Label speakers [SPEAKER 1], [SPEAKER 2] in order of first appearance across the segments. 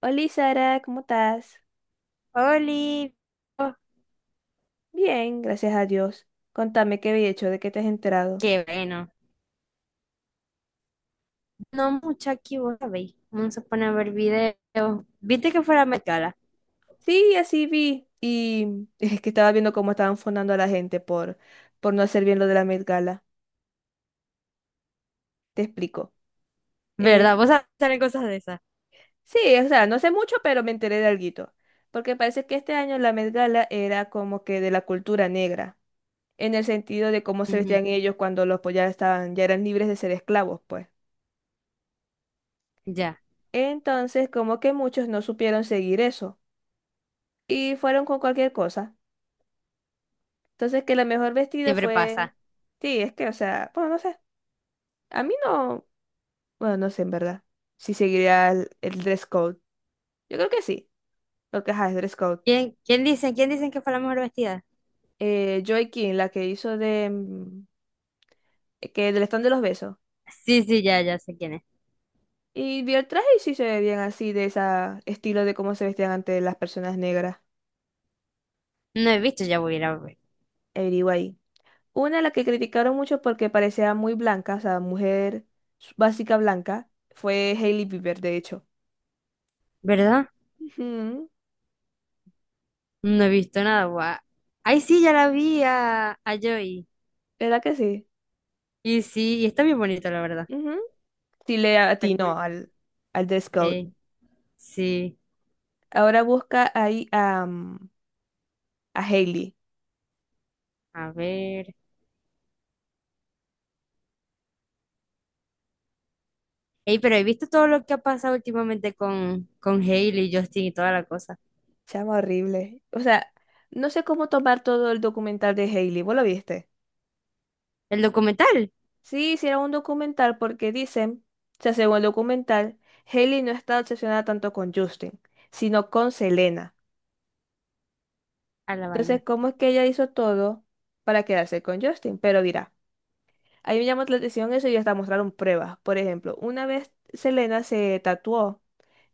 [SPEAKER 1] Hola Sara, ¿cómo estás?
[SPEAKER 2] Oli,
[SPEAKER 1] Bien, gracias a Dios. Contame qué había hecho, de qué te has enterado.
[SPEAKER 2] qué bueno. No mucho aquí, vos sabéis. Vamos a poner a ver videos. Viste que fuera Met Gala,
[SPEAKER 1] Sí, así vi. Y es que estaba viendo cómo estaban fundando a la gente por no hacer bien lo de la Met Gala. Te explico. Eh,
[SPEAKER 2] ¿verdad? Vos sabés que salen cosas de esas.
[SPEAKER 1] sí, o sea, no sé mucho, pero me enteré de alguito. Porque parece que este año la Met Gala era como que de la cultura negra, en el sentido de cómo se
[SPEAKER 2] Ujú.
[SPEAKER 1] vestían ellos cuando los pues, ya estaban, ya eran libres de ser esclavos, pues.
[SPEAKER 2] Ya,
[SPEAKER 1] Entonces, como que muchos no supieron seguir eso y fueron con cualquier cosa. Entonces que la mejor vestida
[SPEAKER 2] siempre
[SPEAKER 1] fue...
[SPEAKER 2] pasa.
[SPEAKER 1] Sí, es que, o sea, bueno, no sé. A mí no... Bueno, no sé en verdad. Si seguiría el dress code. Yo creo que sí. Porque, ajá, es dress code.
[SPEAKER 2] ¿Quién dicen que fue la mejor vestida?
[SPEAKER 1] Joy King, la que hizo de... Que del stand de los besos.
[SPEAKER 2] Sí, sí, ya, ya sé quién es.
[SPEAKER 1] Y vi el traje y sí se ve bien así, de ese estilo de cómo se vestían antes las personas negras.
[SPEAKER 2] No he visto, ya voy a ir a ver.
[SPEAKER 1] Anyway. Una a la que criticaron mucho porque parecía muy blanca, o sea, mujer básica blanca, fue Hailey Bieber, de hecho.
[SPEAKER 2] ¿Verdad?
[SPEAKER 1] Ujú.
[SPEAKER 2] No he visto nada, guau. Ay, sí, ya la vi a Joy.
[SPEAKER 1] ¿Verdad que sí?
[SPEAKER 2] Y sí, y está bien bonito, la verdad.
[SPEAKER 1] Ujú. Sí le
[SPEAKER 2] Está cool.
[SPEAKER 1] atinó al de Scout.
[SPEAKER 2] Sí, sí.
[SPEAKER 1] Ahora busca ahí a, a Hailey.
[SPEAKER 2] A ver. Ey, pero he visto todo lo que ha pasado últimamente con Hailey, Justin y toda la cosa.
[SPEAKER 1] Chama horrible. O sea, no sé cómo tomar todo el documental de Hailey. ¿Vos lo viste?
[SPEAKER 2] El documental,
[SPEAKER 1] Sí, hicieron un documental porque dicen, o sea, según el documental, Hailey no está obsesionada tanto con Justin, sino con Selena.
[SPEAKER 2] a la
[SPEAKER 1] Entonces,
[SPEAKER 2] vaina.
[SPEAKER 1] ¿cómo es que ella hizo todo para quedarse con Justin? Pero mira, ahí me llamó la atención eso y hasta mostraron pruebas. Por ejemplo, una vez Selena se tatuó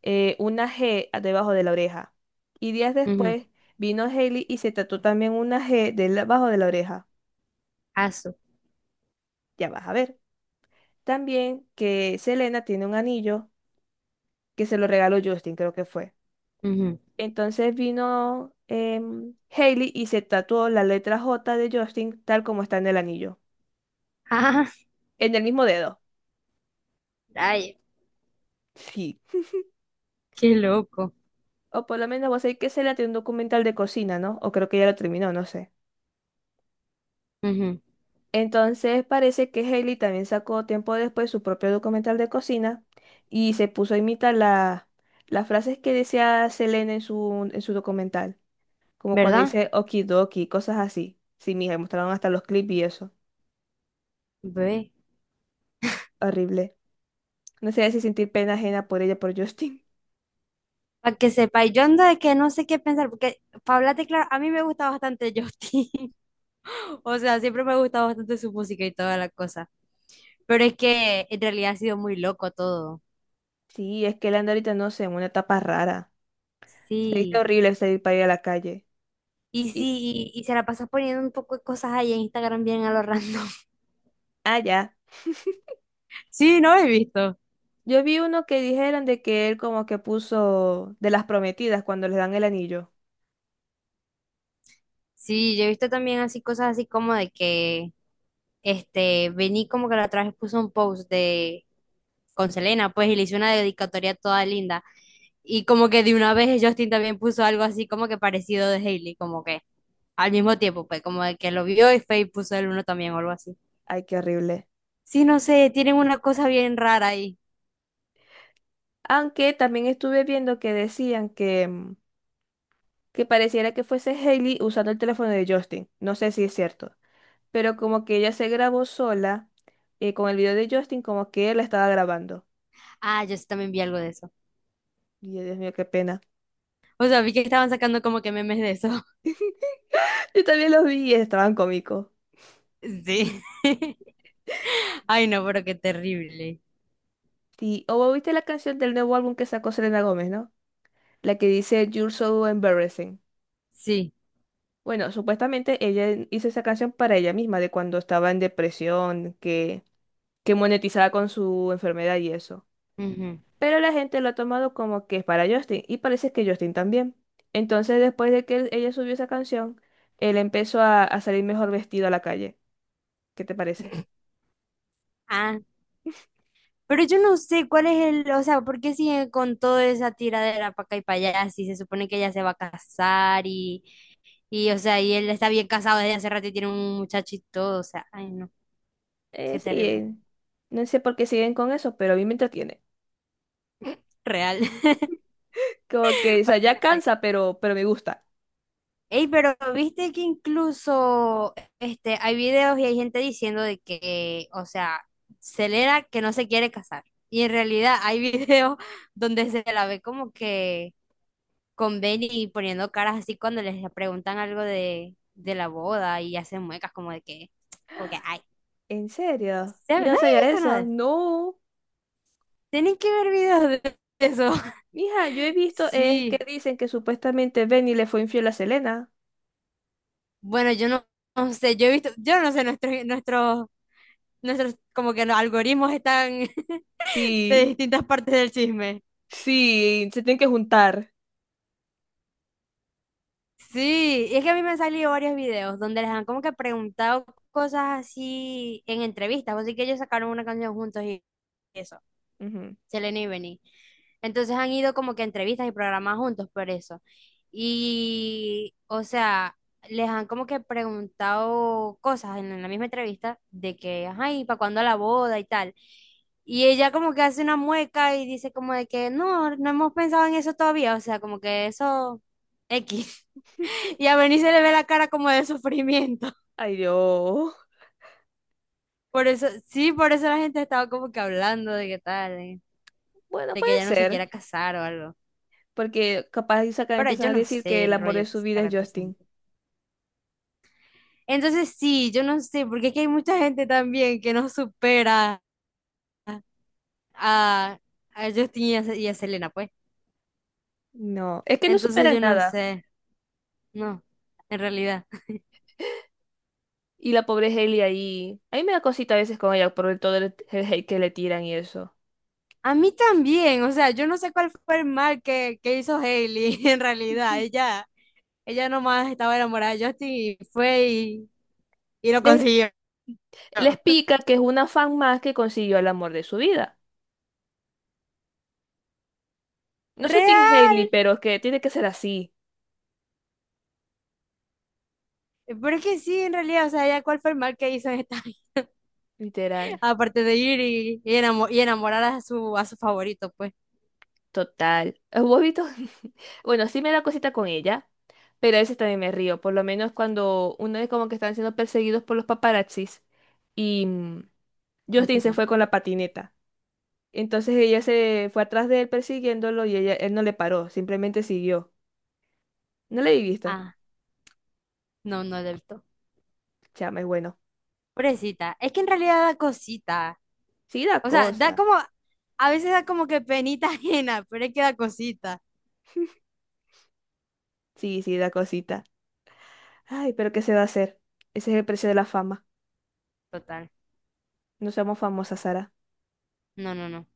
[SPEAKER 1] una G debajo de la oreja. Y días
[SPEAKER 2] Ujú.
[SPEAKER 1] después vino Hailey y se tatuó también una G debajo de la oreja.
[SPEAKER 2] Asu.
[SPEAKER 1] Ya vas a ver. También que Selena tiene un anillo que se lo regaló Justin, creo que fue.
[SPEAKER 2] Ujú.
[SPEAKER 1] Entonces vino Hailey y se tatuó la letra J de Justin tal como está en el anillo. En el mismo dedo.
[SPEAKER 2] Ah, ay,
[SPEAKER 1] Sí.
[SPEAKER 2] qué loco.
[SPEAKER 1] O por lo menos vos sabés que Selena tiene un documental de cocina, ¿no? O creo que ya lo terminó, no sé.
[SPEAKER 2] Ujú.
[SPEAKER 1] Entonces parece que Hailey también sacó tiempo después su propio documental de cocina y se puso a imitar las frases que decía Selena en en su documental, como cuando
[SPEAKER 2] ¿Verdad?
[SPEAKER 1] dice okidoki, cosas así. Sí, mija, y mostraron hasta los clips y eso.
[SPEAKER 2] Ve.
[SPEAKER 1] Horrible. No sé si sentir pena ajena por ella, por Justin.
[SPEAKER 2] Para que sepa, y yo ando de que no sé qué pensar, porque para hablarte claro, a mí me gusta bastante Justin. O sea, siempre me ha gustado bastante su música y toda la cosa. Pero es que en realidad ha sido muy loco todo.
[SPEAKER 1] Sí, es que él anda ahorita, no sé, en una etapa rara. Se dice
[SPEAKER 2] Sí.
[SPEAKER 1] horrible salir para ir a la calle.
[SPEAKER 2] Y
[SPEAKER 1] Y,
[SPEAKER 2] sí, y se la pasa poniendo un poco de cosas ahí en Instagram bien a lo random.
[SPEAKER 1] ah, ya.
[SPEAKER 2] Sí, no he visto.
[SPEAKER 1] Yo vi uno que dijeron de que él como que puso de las prometidas cuando les dan el anillo.
[SPEAKER 2] Sí, yo he visto también así cosas así como de que, este, Vení como que la otra vez puso un post de, con Selena, pues, y le hizo una dedicatoria toda linda. Y como que de una vez Justin también puso algo así como que parecido de Hailey, como que al mismo tiempo, pues, como de que lo vio y Faye puso el uno también o algo así.
[SPEAKER 1] Ay, qué horrible.
[SPEAKER 2] Sí, no sé, tienen una cosa bien rara ahí.
[SPEAKER 1] Aunque también estuve viendo que decían que, que pareciera que fuese Hailey usando el teléfono de Justin. No sé si es cierto. Pero como que ella se grabó sola con el video de Justin, como que él la estaba grabando.
[SPEAKER 2] Ah, yo sí también vi algo de eso.
[SPEAKER 1] Y yo, Dios mío, qué pena.
[SPEAKER 2] O sea, vi que estaban sacando como que memes de eso.
[SPEAKER 1] Yo también los vi y estaban cómicos.
[SPEAKER 2] Sí. Ay, no, pero qué terrible.
[SPEAKER 1] Sí, o vos viste la canción del nuevo álbum que sacó Selena Gómez, ¿no? La que dice You're so embarrassing.
[SPEAKER 2] Sí.
[SPEAKER 1] Bueno, supuestamente ella hizo esa canción para ella misma, de cuando estaba en depresión, que monetizaba con su enfermedad y eso.
[SPEAKER 2] Ujú.
[SPEAKER 1] Pero la gente lo ha tomado como que es para Justin y parece que Justin también. Entonces, después de que ella subió esa canción, él empezó a salir mejor vestido a la calle. ¿Qué te parece?
[SPEAKER 2] Ah, pero yo no sé cuál es o sea, ¿por qué sigue con toda esa tiradera para acá y para allá? Si se supone que ella se va a casar y, o sea, y él está bien casado desde hace rato y tiene un muchacho y todo, o sea, ay no,
[SPEAKER 1] Eh,
[SPEAKER 2] qué
[SPEAKER 1] sí,
[SPEAKER 2] terrible,
[SPEAKER 1] eh, no sé por qué siguen con eso, pero a mí me entretiene.
[SPEAKER 2] real,
[SPEAKER 1] Como que, o
[SPEAKER 2] para
[SPEAKER 1] sea,
[SPEAKER 2] que
[SPEAKER 1] ya
[SPEAKER 2] sepa.
[SPEAKER 1] cansa, pero me gusta.
[SPEAKER 2] Ey, pero viste que incluso, este, hay videos y hay gente diciendo de que, o sea, Celera que no se quiere casar. Y en realidad hay videos donde se la ve como que con Benny poniendo caras así cuando les preguntan algo de la boda y hacen muecas como de que, como que, ay,
[SPEAKER 1] ¿En serio? Yo
[SPEAKER 2] ¿sabe?
[SPEAKER 1] no
[SPEAKER 2] No
[SPEAKER 1] sabía
[SPEAKER 2] había visto
[SPEAKER 1] eso.
[SPEAKER 2] nada.
[SPEAKER 1] No.
[SPEAKER 2] Tienen que ver videos de eso.
[SPEAKER 1] Mija, yo he visto
[SPEAKER 2] Sí.
[SPEAKER 1] que dicen que supuestamente Benny le fue infiel a Selena.
[SPEAKER 2] Bueno, yo no sé, yo he visto, yo no sé, nuestros, como que los algoritmos están de
[SPEAKER 1] Sí,
[SPEAKER 2] distintas partes del chisme.
[SPEAKER 1] sí, se tienen que juntar.
[SPEAKER 2] Sí, y es que a mí me han salido varios videos donde les han como que preguntado cosas así en entrevistas, así que ellos sacaron una canción juntos y eso.
[SPEAKER 1] Ujú.
[SPEAKER 2] Selena y Benny. Entonces han ido como que a entrevistas y programas juntos por eso. Y, o sea, les han como que preguntado cosas en la misma entrevista de que, ay, ¿para cuándo la boda y tal? Y ella como que hace una mueca y dice como de que no, no hemos pensado en eso todavía, o sea, como que eso X. Y a Benny se le ve la cara como de sufrimiento.
[SPEAKER 1] Ay, Dios.
[SPEAKER 2] Por eso, sí, por eso la gente estaba como que hablando de que tal,
[SPEAKER 1] Bueno,
[SPEAKER 2] de que
[SPEAKER 1] puede
[SPEAKER 2] ella no se
[SPEAKER 1] ser.
[SPEAKER 2] quiera casar o algo.
[SPEAKER 1] Porque capaz y sacan,
[SPEAKER 2] Pero
[SPEAKER 1] empiezan
[SPEAKER 2] yo
[SPEAKER 1] a
[SPEAKER 2] no
[SPEAKER 1] decir que
[SPEAKER 2] sé
[SPEAKER 1] el
[SPEAKER 2] el
[SPEAKER 1] amor de
[SPEAKER 2] rollo que
[SPEAKER 1] su vida es
[SPEAKER 2] sacarán toda esa
[SPEAKER 1] Justin.
[SPEAKER 2] gente. Entonces sí, yo no sé, porque aquí hay mucha gente también que no supera a, a Justin y a Selena, pues.
[SPEAKER 1] No, es que no
[SPEAKER 2] Entonces
[SPEAKER 1] superan
[SPEAKER 2] yo no
[SPEAKER 1] nada.
[SPEAKER 2] sé, no, en realidad.
[SPEAKER 1] Y la pobre Hailey ahí. A mí me da cosita a veces con ella por todo el hate que le tiran y eso.
[SPEAKER 2] A mí también, o sea, yo no sé cuál fue el mal que hizo Hailey, en realidad.
[SPEAKER 1] Ujú.
[SPEAKER 2] Ella nomás estaba enamorada de Justin y fue y lo
[SPEAKER 1] Les,
[SPEAKER 2] consiguió.
[SPEAKER 1] les pica que es una fan más que consiguió el amor de su vida. No soy Team
[SPEAKER 2] Real,
[SPEAKER 1] Hailey, pero es que tiene que ser así.
[SPEAKER 2] pero es que sí, en realidad, o sea, ella cuál fue el mal que hizo en esta
[SPEAKER 1] Literal.
[SPEAKER 2] Aparte de ir y, y enamorar a su favorito, pues.
[SPEAKER 1] Total. ¿Vos has visto? Bueno, sí me da cosita con ella, pero a veces también me río. Por lo menos cuando uno es como que están siendo perseguidos por los paparazzis. Y. mm, Justin se
[SPEAKER 2] Ujú.
[SPEAKER 1] fue con la patineta. Entonces ella se fue atrás de él persiguiéndolo y ella, él no le paró, simplemente siguió. No le he visto.
[SPEAKER 2] Ah, no, no acepto.
[SPEAKER 1] Chama, es bueno.
[SPEAKER 2] Pobrecita. Es que en realidad da cosita.
[SPEAKER 1] Sí da
[SPEAKER 2] O sea, da
[SPEAKER 1] cosa.
[SPEAKER 2] como, a veces da como que penita ajena, pero es que da cosita.
[SPEAKER 1] Sí, sí da cosita. Ay, pero ¿qué se va a hacer? Ese es el precio de la fama.
[SPEAKER 2] Total.
[SPEAKER 1] No somos famosas, Sara.
[SPEAKER 2] No, no, no.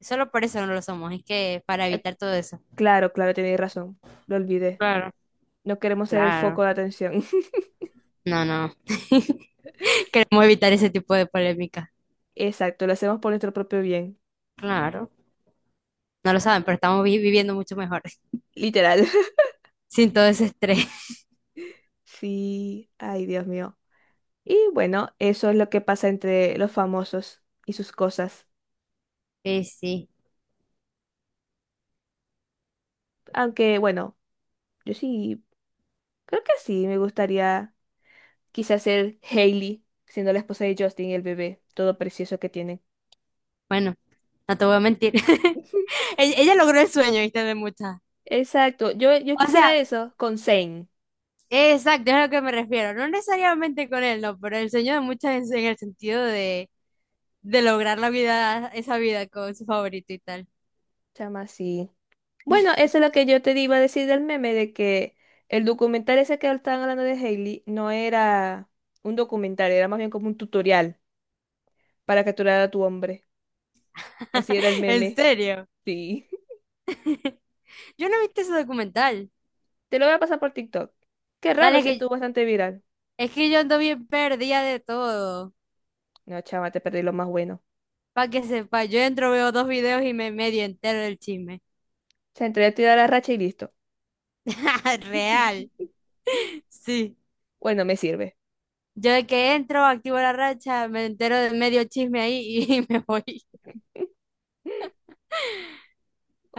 [SPEAKER 2] Solo por eso no lo somos. Es que para
[SPEAKER 1] Eh,
[SPEAKER 2] evitar todo eso.
[SPEAKER 1] claro, claro, tenéis razón. Lo olvidé.
[SPEAKER 2] Claro,
[SPEAKER 1] No queremos ser el foco
[SPEAKER 2] claro.
[SPEAKER 1] de atención.
[SPEAKER 2] No, no. Queremos evitar ese tipo de polémica.
[SPEAKER 1] Exacto, lo hacemos por nuestro propio bien.
[SPEAKER 2] Claro. No lo saben, pero estamos viviendo mucho mejor.
[SPEAKER 1] Literal.
[SPEAKER 2] Sin todo ese estrés.
[SPEAKER 1] Sí, ay, Dios mío. Y bueno, eso es lo que pasa entre los famosos y sus cosas.
[SPEAKER 2] Sí, sí.
[SPEAKER 1] Aunque, bueno. Yo sí, creo que sí, me gustaría quizás ser Hailey, siendo la esposa de Justin y el bebé, todo precioso que tienen.
[SPEAKER 2] Bueno, no te voy a mentir. Ella logró el sueño, ¿viste? De muchas.
[SPEAKER 1] Exacto, yo
[SPEAKER 2] O
[SPEAKER 1] quisiera
[SPEAKER 2] sea,
[SPEAKER 1] eso con Zane,
[SPEAKER 2] exacto, es a lo que me refiero. No necesariamente con él, no, pero el sueño de muchas en el sentido de lograr la vida, esa vida con su favorito y tal.
[SPEAKER 1] chama así. Bueno, eso es lo que yo te iba a decir del meme, de que el documental ese que estaban hablando de Hailey no era un documental, era más bien como un tutorial para capturar a tu hombre. Así era el
[SPEAKER 2] En
[SPEAKER 1] meme.
[SPEAKER 2] serio.
[SPEAKER 1] Sí.
[SPEAKER 2] Yo no he visto ese documental.
[SPEAKER 1] Te lo voy a pasar por TikTok. Qué raro,
[SPEAKER 2] Dale,
[SPEAKER 1] sí
[SPEAKER 2] que
[SPEAKER 1] estuvo bastante viral.
[SPEAKER 2] es que yo ando bien perdida de todo.
[SPEAKER 1] No, chama, te perdí lo más bueno.
[SPEAKER 2] Pa' que sepa, yo entro, veo dos videos y me medio entero del chisme.
[SPEAKER 1] Se entrega a tirar la racha y listo.
[SPEAKER 2] Real. Sí.
[SPEAKER 1] Bueno, me sirve.
[SPEAKER 2] Yo de que entro, activo la racha, me entero de medio chisme ahí y me voy.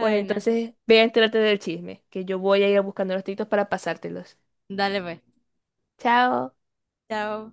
[SPEAKER 1] Bueno,
[SPEAKER 2] no.
[SPEAKER 1] entonces ve a enterarte del chisme, que yo voy a ir buscando los títulos para pasártelos.
[SPEAKER 2] Dale, pues.
[SPEAKER 1] Chao.
[SPEAKER 2] Chao.